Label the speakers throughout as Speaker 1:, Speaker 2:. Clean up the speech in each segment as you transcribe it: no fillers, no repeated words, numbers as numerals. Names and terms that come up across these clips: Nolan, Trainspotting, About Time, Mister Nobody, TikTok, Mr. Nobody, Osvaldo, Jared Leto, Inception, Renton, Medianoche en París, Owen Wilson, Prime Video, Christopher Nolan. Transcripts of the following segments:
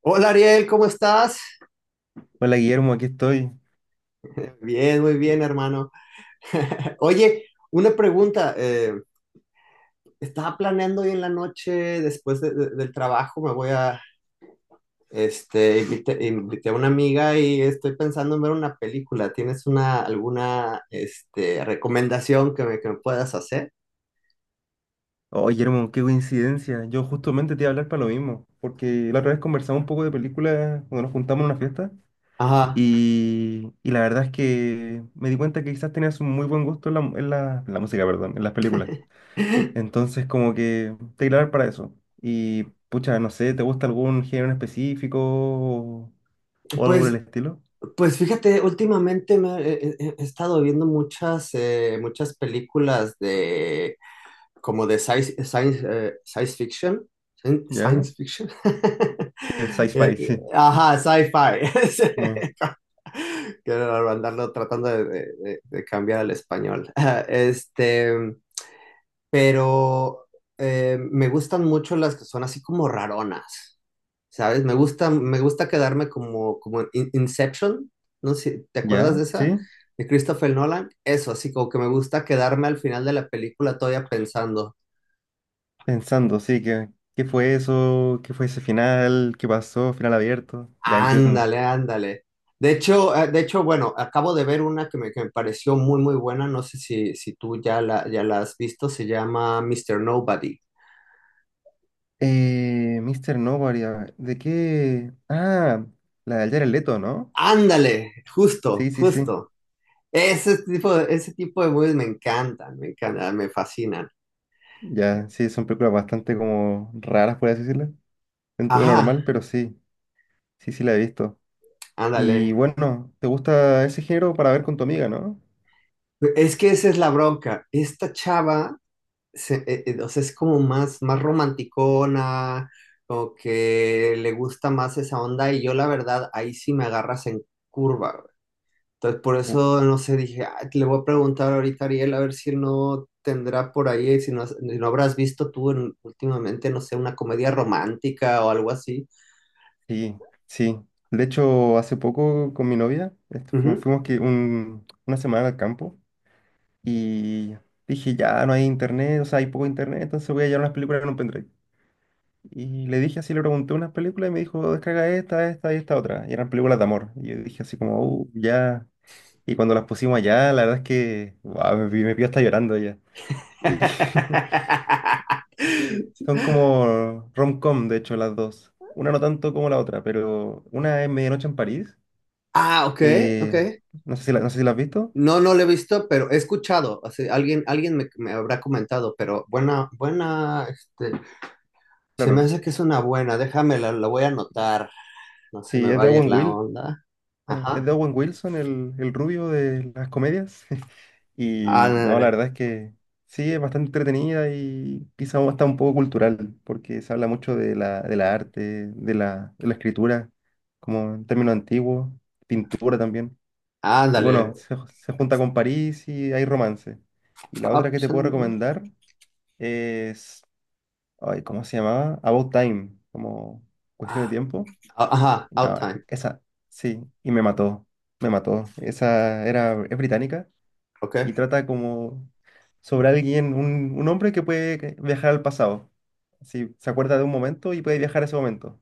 Speaker 1: Hola Ariel, ¿cómo estás?
Speaker 2: Hola Guillermo, aquí estoy.
Speaker 1: Bien, muy bien, hermano. Oye, una pregunta. Estaba planeando hoy en la noche, después del trabajo, me voy a, invité a una amiga y estoy pensando en ver una película. ¿Tienes una, alguna, recomendación que me puedas hacer?
Speaker 2: Oh Guillermo, qué coincidencia. Yo justamente te iba a hablar para lo mismo, porque la otra vez conversamos un poco de películas cuando nos juntamos en una fiesta
Speaker 1: Ajá.
Speaker 2: y la verdad es que me di cuenta que quizás tenías un muy buen gusto en la música, perdón, en las películas. Entonces como que te iba a hablar para eso. Y pucha, no sé, ¿te gusta algún género en específico o algo por el
Speaker 1: Pues,
Speaker 2: estilo?
Speaker 1: pues fíjate, últimamente me, he estado viendo muchas, muchas películas de como de science fiction.
Speaker 2: ¿Ya?
Speaker 1: Science fiction.
Speaker 2: El sci-fi, sí.
Speaker 1: Ajá, sci-fi.
Speaker 2: Eh,
Speaker 1: Quiero andarlo tratando de, de cambiar al español. Este, pero me gustan mucho las que son así como raronas, ¿sabes? Me gusta quedarme como, como en Inception, no sé, ¿te acuerdas de
Speaker 2: ¿Ya?
Speaker 1: esa?
Speaker 2: ¿Sí?
Speaker 1: De Christopher Nolan. Eso, así como que me gusta quedarme al final de la película todavía pensando.
Speaker 2: Pensando, sí, ¿que qué fue eso? ¿Qué fue ese final? ¿Qué pasó? Final abierto. Ya entiendo.
Speaker 1: Ándale, ándale. De hecho, bueno, acabo de ver una que me pareció muy, muy buena. No sé si, si tú ya la, ya la has visto. Se llama Mister Nobody.
Speaker 2: Mr. Nobody, a ver, ¿de qué? Ah, la de Jared Leto, ¿no?
Speaker 1: Ándale, justo,
Speaker 2: Sí, sí, sí.
Speaker 1: justo. Ese tipo de movies me encantan, me encantan, me fascinan.
Speaker 2: Ya, sí, son películas bastante como raras, por así decirlo, dentro de lo
Speaker 1: Ajá,
Speaker 2: normal, pero sí, sí, sí la he visto. Y
Speaker 1: ándale.
Speaker 2: bueno, ¿te gusta ese género para ver con tu amiga, no?
Speaker 1: Es que esa es la bronca. Esta chava o sea, es como más, más romanticona, como que le gusta más esa onda, y yo la verdad, ahí sí me agarras en curva, güey. Entonces, por
Speaker 2: Uh,
Speaker 1: eso, no sé, dije, "Ah, le voy a preguntar ahorita a Ariel a ver si no tendrá por ahí, si no, si no habrás visto tú últimamente, no sé, una comedia romántica o algo así.
Speaker 2: sí, sí. De hecho, hace poco con mi novia,
Speaker 1: Ujú.
Speaker 2: fuimos una semana al campo. Y dije, ya no hay internet, o sea, hay poco internet, entonces voy a llevar unas películas en un pendrive. Y le dije así, le pregunté unas películas y me dijo, descarga esta, esta y esta otra. Y eran películas de amor. Y yo dije así como, ya. Y cuando las pusimos allá, la verdad es que, guau, me pilló hasta llorando ya. Y y sí, son como rom-com, de hecho, las dos. Una no tanto como la otra, pero una es Medianoche en París.
Speaker 1: Ah, ok, ok.
Speaker 2: eh, no sé si la, no sé si la has visto.
Speaker 1: No, no lo he visto, pero he escuchado. Así, alguien, alguien me, me habrá comentado, pero buena, buena, se me
Speaker 2: Claro.
Speaker 1: hace que es una buena. Déjame, la voy a anotar. No se
Speaker 2: Sí,
Speaker 1: me
Speaker 2: es
Speaker 1: va
Speaker 2: de
Speaker 1: a ir
Speaker 2: Owen
Speaker 1: la
Speaker 2: Wilson.
Speaker 1: onda.
Speaker 2: Es de
Speaker 1: Ajá.
Speaker 2: Owen Wilson, el rubio de las comedias. Y no,
Speaker 1: Ándale,
Speaker 2: la verdad es que sí, es bastante entretenida y quizá hasta un poco cultural, porque se habla mucho de la arte, de la escritura, como en términos antiguos, pintura también. Y
Speaker 1: ándale.
Speaker 2: bueno, se junta con París y hay romance. Y la
Speaker 1: Ah,
Speaker 2: otra que
Speaker 1: pues,
Speaker 2: te
Speaker 1: suena
Speaker 2: puedo
Speaker 1: muy bien.
Speaker 2: recomendar es, ay, ¿cómo se llamaba? About Time, como cuestión de
Speaker 1: Ah,
Speaker 2: tiempo.
Speaker 1: ah, ajá,
Speaker 2: No,
Speaker 1: out time.
Speaker 2: esa, sí, y me mató, me mató. Esa era, es británica y
Speaker 1: Ok,
Speaker 2: trata como sobre alguien, un hombre que puede viajar al pasado. Sí, se acuerda de un momento y puede viajar a ese momento.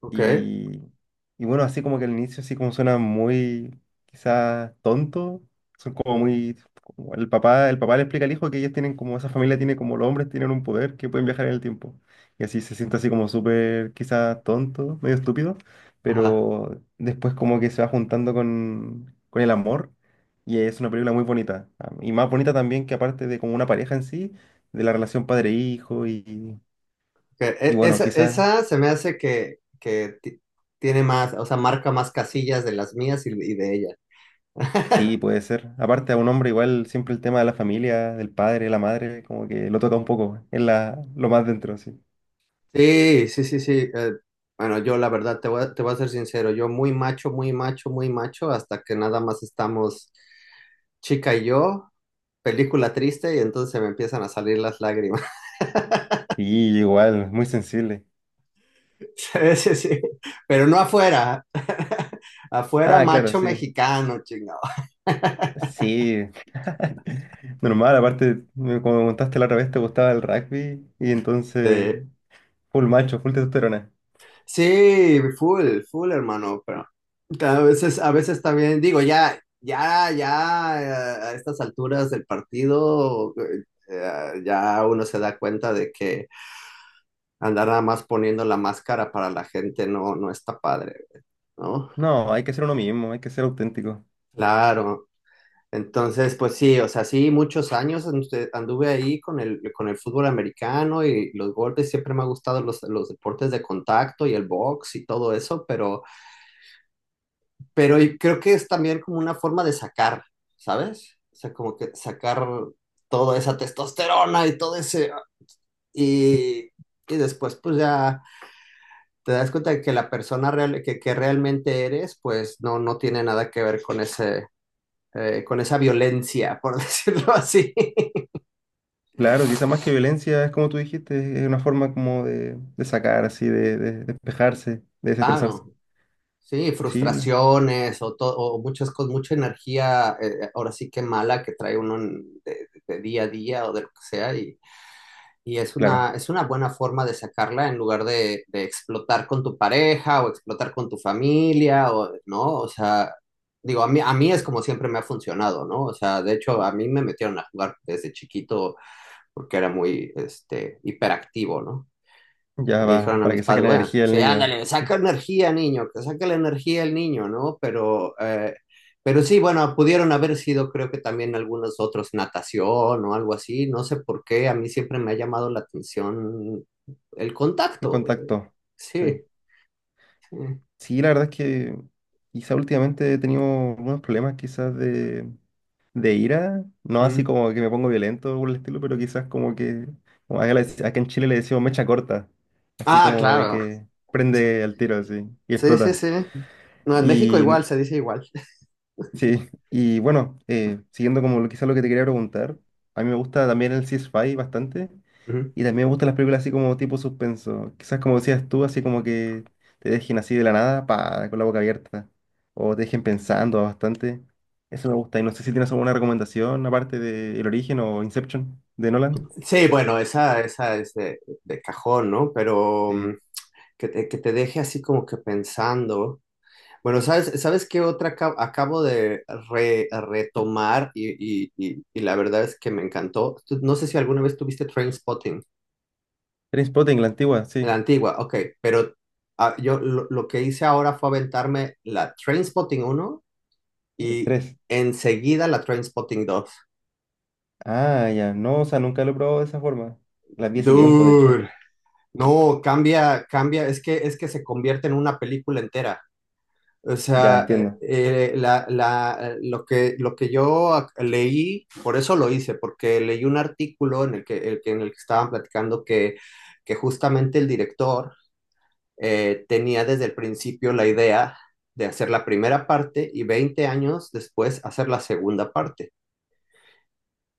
Speaker 1: ok.
Speaker 2: Y, y bueno, así como que al inicio así como suena muy quizás tonto, son como muy... como el papá le explica al hijo que ellos tienen como, esa familia tiene como los hombres tienen un poder que pueden viajar en el tiempo. Y así se siente así como súper quizás tonto, medio estúpido,
Speaker 1: Ajá.
Speaker 2: pero después como que se va juntando con el amor y es una película muy bonita. Ah, y más bonita también que aparte de como una pareja en sí, de la relación padre-hijo
Speaker 1: Ok.
Speaker 2: y bueno,
Speaker 1: Esa,
Speaker 2: quizás...
Speaker 1: esa se me hace que, tiene más, o sea, marca más casillas de las mías y de ella.
Speaker 2: Sí, puede ser. Aparte, a un hombre igual siempre el tema de la familia, del padre, la madre, como que lo toca un poco, es la, lo más dentro, sí.
Speaker 1: Sí, sí, sí, sí. Bueno, yo la verdad te voy a ser sincero, yo muy macho, muy macho, muy macho, hasta que nada más estamos chica y yo, película triste, y entonces me empiezan a salir las lágrimas.
Speaker 2: Y igual, muy sensible.
Speaker 1: Sí, sí, sí. Pero no afuera. Afuera,
Speaker 2: Ah, claro,
Speaker 1: macho
Speaker 2: sí.
Speaker 1: mexicano, chingado.
Speaker 2: Sí. Normal, aparte, como me contaste la otra vez, te gustaba el rugby y entonces,
Speaker 1: Sí.
Speaker 2: full macho, full testosterona.
Speaker 1: Sí, full, full, hermano, pero a veces también digo, ya, ya, ya, a estas alturas del partido, ya uno se da cuenta de que andar nada más poniendo la máscara para la gente no, no está padre, ¿no?
Speaker 2: No, hay que ser uno mismo, hay que ser auténtico.
Speaker 1: Claro. Entonces, pues sí, o sea, sí, muchos años anduve ahí con el fútbol americano y los golpes, siempre me ha gustado los deportes de contacto y el box y todo eso, pero creo que es también como una forma de sacar, ¿sabes? O sea, como que sacar toda esa testosterona y todo ese... Y, y después pues ya te das cuenta de que la persona real, que realmente eres, pues no, no tiene nada que ver con ese... con esa violencia, por decirlo así.
Speaker 2: Claro, quizá más que violencia, es como tú dijiste, es una forma como de sacar, así, de despejarse, de desestresarse.
Speaker 1: Claro, sí,
Speaker 2: Sí, la-
Speaker 1: frustraciones o, o muchas cosas, mucha energía, ahora sí que mala que trae uno en, día a día o de lo que sea, y
Speaker 2: claro.
Speaker 1: es una buena forma de sacarla en lugar de explotar con tu pareja o explotar con tu familia, o, ¿no? O sea, digo, a mí es como siempre me ha funcionado, ¿no? O sea, de hecho, a mí me metieron a jugar desde chiquito porque era muy, hiperactivo, ¿no?
Speaker 2: Ya
Speaker 1: Le
Speaker 2: va,
Speaker 1: dijeron a
Speaker 2: para
Speaker 1: mis
Speaker 2: que saque
Speaker 1: padres,
Speaker 2: la
Speaker 1: bueno,
Speaker 2: energía del
Speaker 1: sí,
Speaker 2: niño.
Speaker 1: ándale, saca energía, niño, que saca la energía el niño, ¿no? Pero sí, bueno, pudieron haber sido, creo que también algunos otros, natación o algo así, no sé por qué, a mí siempre me ha llamado la atención el
Speaker 2: El
Speaker 1: contacto,
Speaker 2: contacto. Sí.
Speaker 1: sí, sí.
Speaker 2: Sí, la verdad es que quizá últimamente he tenido unos problemas quizás de ira. No así
Speaker 1: Mm.
Speaker 2: como que me pongo violento o el estilo, pero quizás como que, como acá, acá en Chile le decimos mecha corta. Así
Speaker 1: Ah,
Speaker 2: como de
Speaker 1: claro,
Speaker 2: que prende al tiro así y
Speaker 1: sí, sí,
Speaker 2: explota.
Speaker 1: sí. No, en México igual, se dice igual.
Speaker 2: Sí, y bueno, siguiendo como quizá lo que te quería preguntar, a mí me gusta también el sci-fi bastante
Speaker 1: Ujú.
Speaker 2: y también me gustan las películas así como tipo suspenso, quizás como decías tú, así como que te dejen así de la nada, pa, con la boca abierta o te dejen pensando bastante, eso me gusta y no sé si tienes alguna recomendación aparte de El Origen o Inception de Nolan.
Speaker 1: Sí, bueno, esa es de cajón, ¿no? Pero
Speaker 2: Sí.
Speaker 1: mm, que te deje así como que pensando. Bueno, ¿sabes, sabes qué otra acabo de retomar y la verdad es que me encantó? No sé si alguna vez tuviste Trainspotting,
Speaker 2: Spotting la antigua, sí,
Speaker 1: la antigua, ok, pero yo lo que hice ahora fue aventarme la Trainspotting uno
Speaker 2: el
Speaker 1: y
Speaker 2: tres.
Speaker 1: enseguida la Trainspotting dos.
Speaker 2: Ah, ya, no, o sea, nunca lo he probado de esa forma, las vi hace tiempo, de hecho,
Speaker 1: Dude, no, cambia, cambia, es que se convierte en una película entera. O
Speaker 2: ya
Speaker 1: sea,
Speaker 2: entiendo,
Speaker 1: lo que yo leí, por eso lo hice, porque leí un artículo en el que, en el que estaban platicando que justamente el director tenía desde el principio la idea de hacer la primera parte y 20 años después hacer la segunda parte.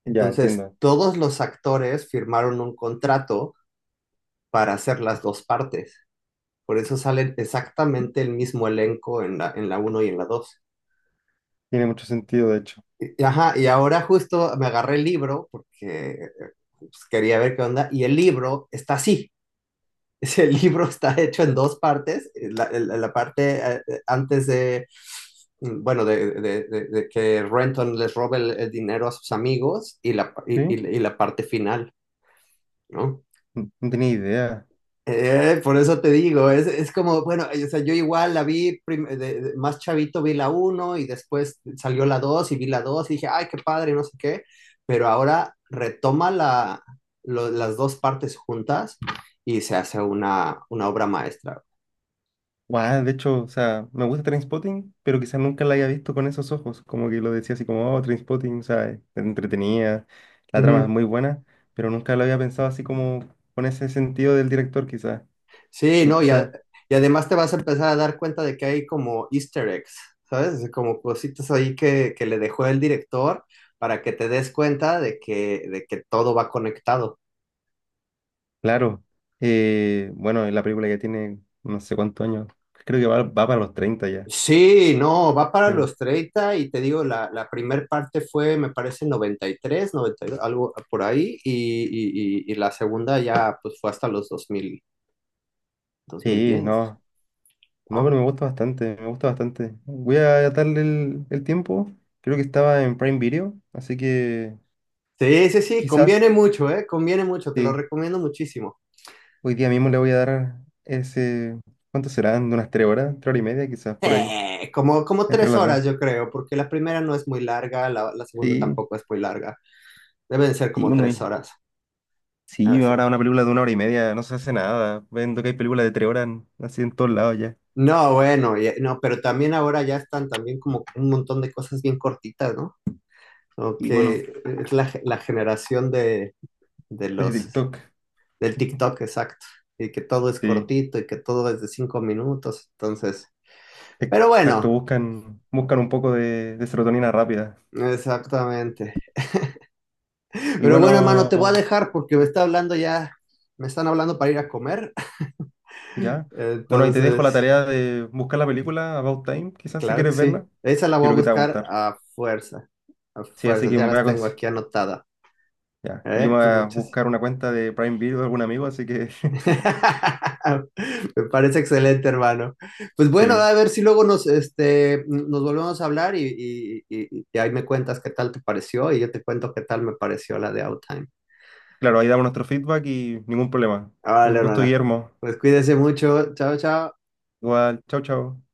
Speaker 2: ya
Speaker 1: Entonces,
Speaker 2: entiendo.
Speaker 1: todos los actores firmaron un contrato para hacer las dos partes. Por eso salen exactamente el mismo elenco en la uno y en la 2.
Speaker 2: Tiene mucho sentido, de hecho.
Speaker 1: Ajá, y ahora justo me agarré el libro porque pues, quería ver qué onda, y el libro está así. Es el libro está hecho en dos partes. La la parte antes de, mm, bueno, de que Renton les robe el dinero a sus amigos
Speaker 2: ¿Sí?
Speaker 1: y la parte final, ¿no?
Speaker 2: No, no tenía idea.
Speaker 1: Por eso te digo, es como, bueno, o sea, yo igual la vi más chavito, vi la uno y después salió la 2 y vi la 2 y dije, ay, qué padre, no sé qué, pero ahora retoma las dos partes juntas y se hace una obra maestra.
Speaker 2: Guau, de hecho, o sea, me gusta Trainspotting, pero quizás nunca la haya visto con esos ojos. Como que lo decía así como, oh, Trainspotting, o sea, es entretenida, la trama es
Speaker 1: Ujú.
Speaker 2: muy buena, pero nunca lo había pensado así como con ese sentido del director, quizás.
Speaker 1: Sí,
Speaker 2: Y
Speaker 1: no,
Speaker 2: quizás,
Speaker 1: y además te vas a empezar a dar cuenta de que hay como easter eggs, ¿sabes? Como cositas ahí que le dejó el director para que te des cuenta de que todo va conectado.
Speaker 2: claro, bueno, la película ya tiene no sé cuántos años, creo que va para los 30 ya.
Speaker 1: Sí, no, va para
Speaker 2: Sí,
Speaker 1: los 30 y te digo, la primer parte fue, me parece, 93, 92, algo por ahí, y la segunda ya pues fue hasta los dos dos mil
Speaker 2: sí,
Speaker 1: diez
Speaker 2: no. No, pero
Speaker 1: ¿no?
Speaker 2: me gusta bastante, me gusta bastante. Voy a darle el tiempo. Creo que estaba en Prime Video, así que
Speaker 1: Sí, sí, sí,
Speaker 2: quizás
Speaker 1: conviene mucho, ¿eh? Conviene mucho, te lo
Speaker 2: sí.
Speaker 1: recomiendo muchísimo.
Speaker 2: Hoy día mismo le voy a dar ese. ¿Cuánto serán? ¿De unas 3 horas? ¿Tres horas y media? Quizás por ahí,
Speaker 1: Como, como
Speaker 2: entre
Speaker 1: tres
Speaker 2: las dos.
Speaker 1: horas, yo creo, porque la primera no es muy larga, la segunda
Speaker 2: Sí,
Speaker 1: tampoco es muy larga, deben ser
Speaker 2: sí,
Speaker 1: como
Speaker 2: uno
Speaker 1: tres
Speaker 2: ahí.
Speaker 1: horas. Ah,
Speaker 2: Sí,
Speaker 1: sí.
Speaker 2: ahora una película de 1 hora y media no se hace nada. Vendo que hay películas de 3 horas así en todos lados ya.
Speaker 1: No, bueno, no, pero también ahora ya están también como un montón de cosas bien cortitas, ¿no? Ok,
Speaker 2: Y bueno,
Speaker 1: es la, la generación de
Speaker 2: desde
Speaker 1: los,
Speaker 2: TikTok.
Speaker 1: del TikTok, exacto. Y que todo es
Speaker 2: Sí,
Speaker 1: cortito y que todo es de 5 minutos, entonces. Pero
Speaker 2: exacto,
Speaker 1: bueno,
Speaker 2: buscan, buscan un poco de serotonina rápida.
Speaker 1: exactamente.
Speaker 2: Y
Speaker 1: Pero bueno, hermano, te voy a
Speaker 2: bueno.
Speaker 1: dejar porque me está hablando ya, me están hablando para ir a comer.
Speaker 2: Ya. Bueno, ahí te dejo la
Speaker 1: Entonces,
Speaker 2: tarea de buscar la película About Time, quizás si
Speaker 1: claro que
Speaker 2: quieres verla.
Speaker 1: sí.
Speaker 2: Yo
Speaker 1: Esa la voy a
Speaker 2: creo que te va a
Speaker 1: buscar
Speaker 2: gustar.
Speaker 1: a fuerza, a
Speaker 2: Sí, así
Speaker 1: fuerzas,
Speaker 2: que
Speaker 1: ya
Speaker 2: me voy
Speaker 1: las
Speaker 2: a
Speaker 1: tengo aquí anotada.
Speaker 2: ya. Y yo
Speaker 1: ¿Eh?
Speaker 2: me voy
Speaker 1: Pues
Speaker 2: a
Speaker 1: muchas.
Speaker 2: buscar una cuenta de Prime Video de algún amigo, así que
Speaker 1: Me parece excelente, hermano. Pues bueno,
Speaker 2: sí.
Speaker 1: a ver si luego nos, nos volvemos a hablar y ahí me cuentas qué tal te pareció y yo te cuento qué tal me pareció la de Outtime.
Speaker 2: Claro, ahí damos nuestro feedback y ningún problema.
Speaker 1: Ah, vale,
Speaker 2: Un gusto,
Speaker 1: hermano.
Speaker 2: Guillermo.
Speaker 1: Pues cuídese mucho. Chao, chao.
Speaker 2: Igual, chao, chao.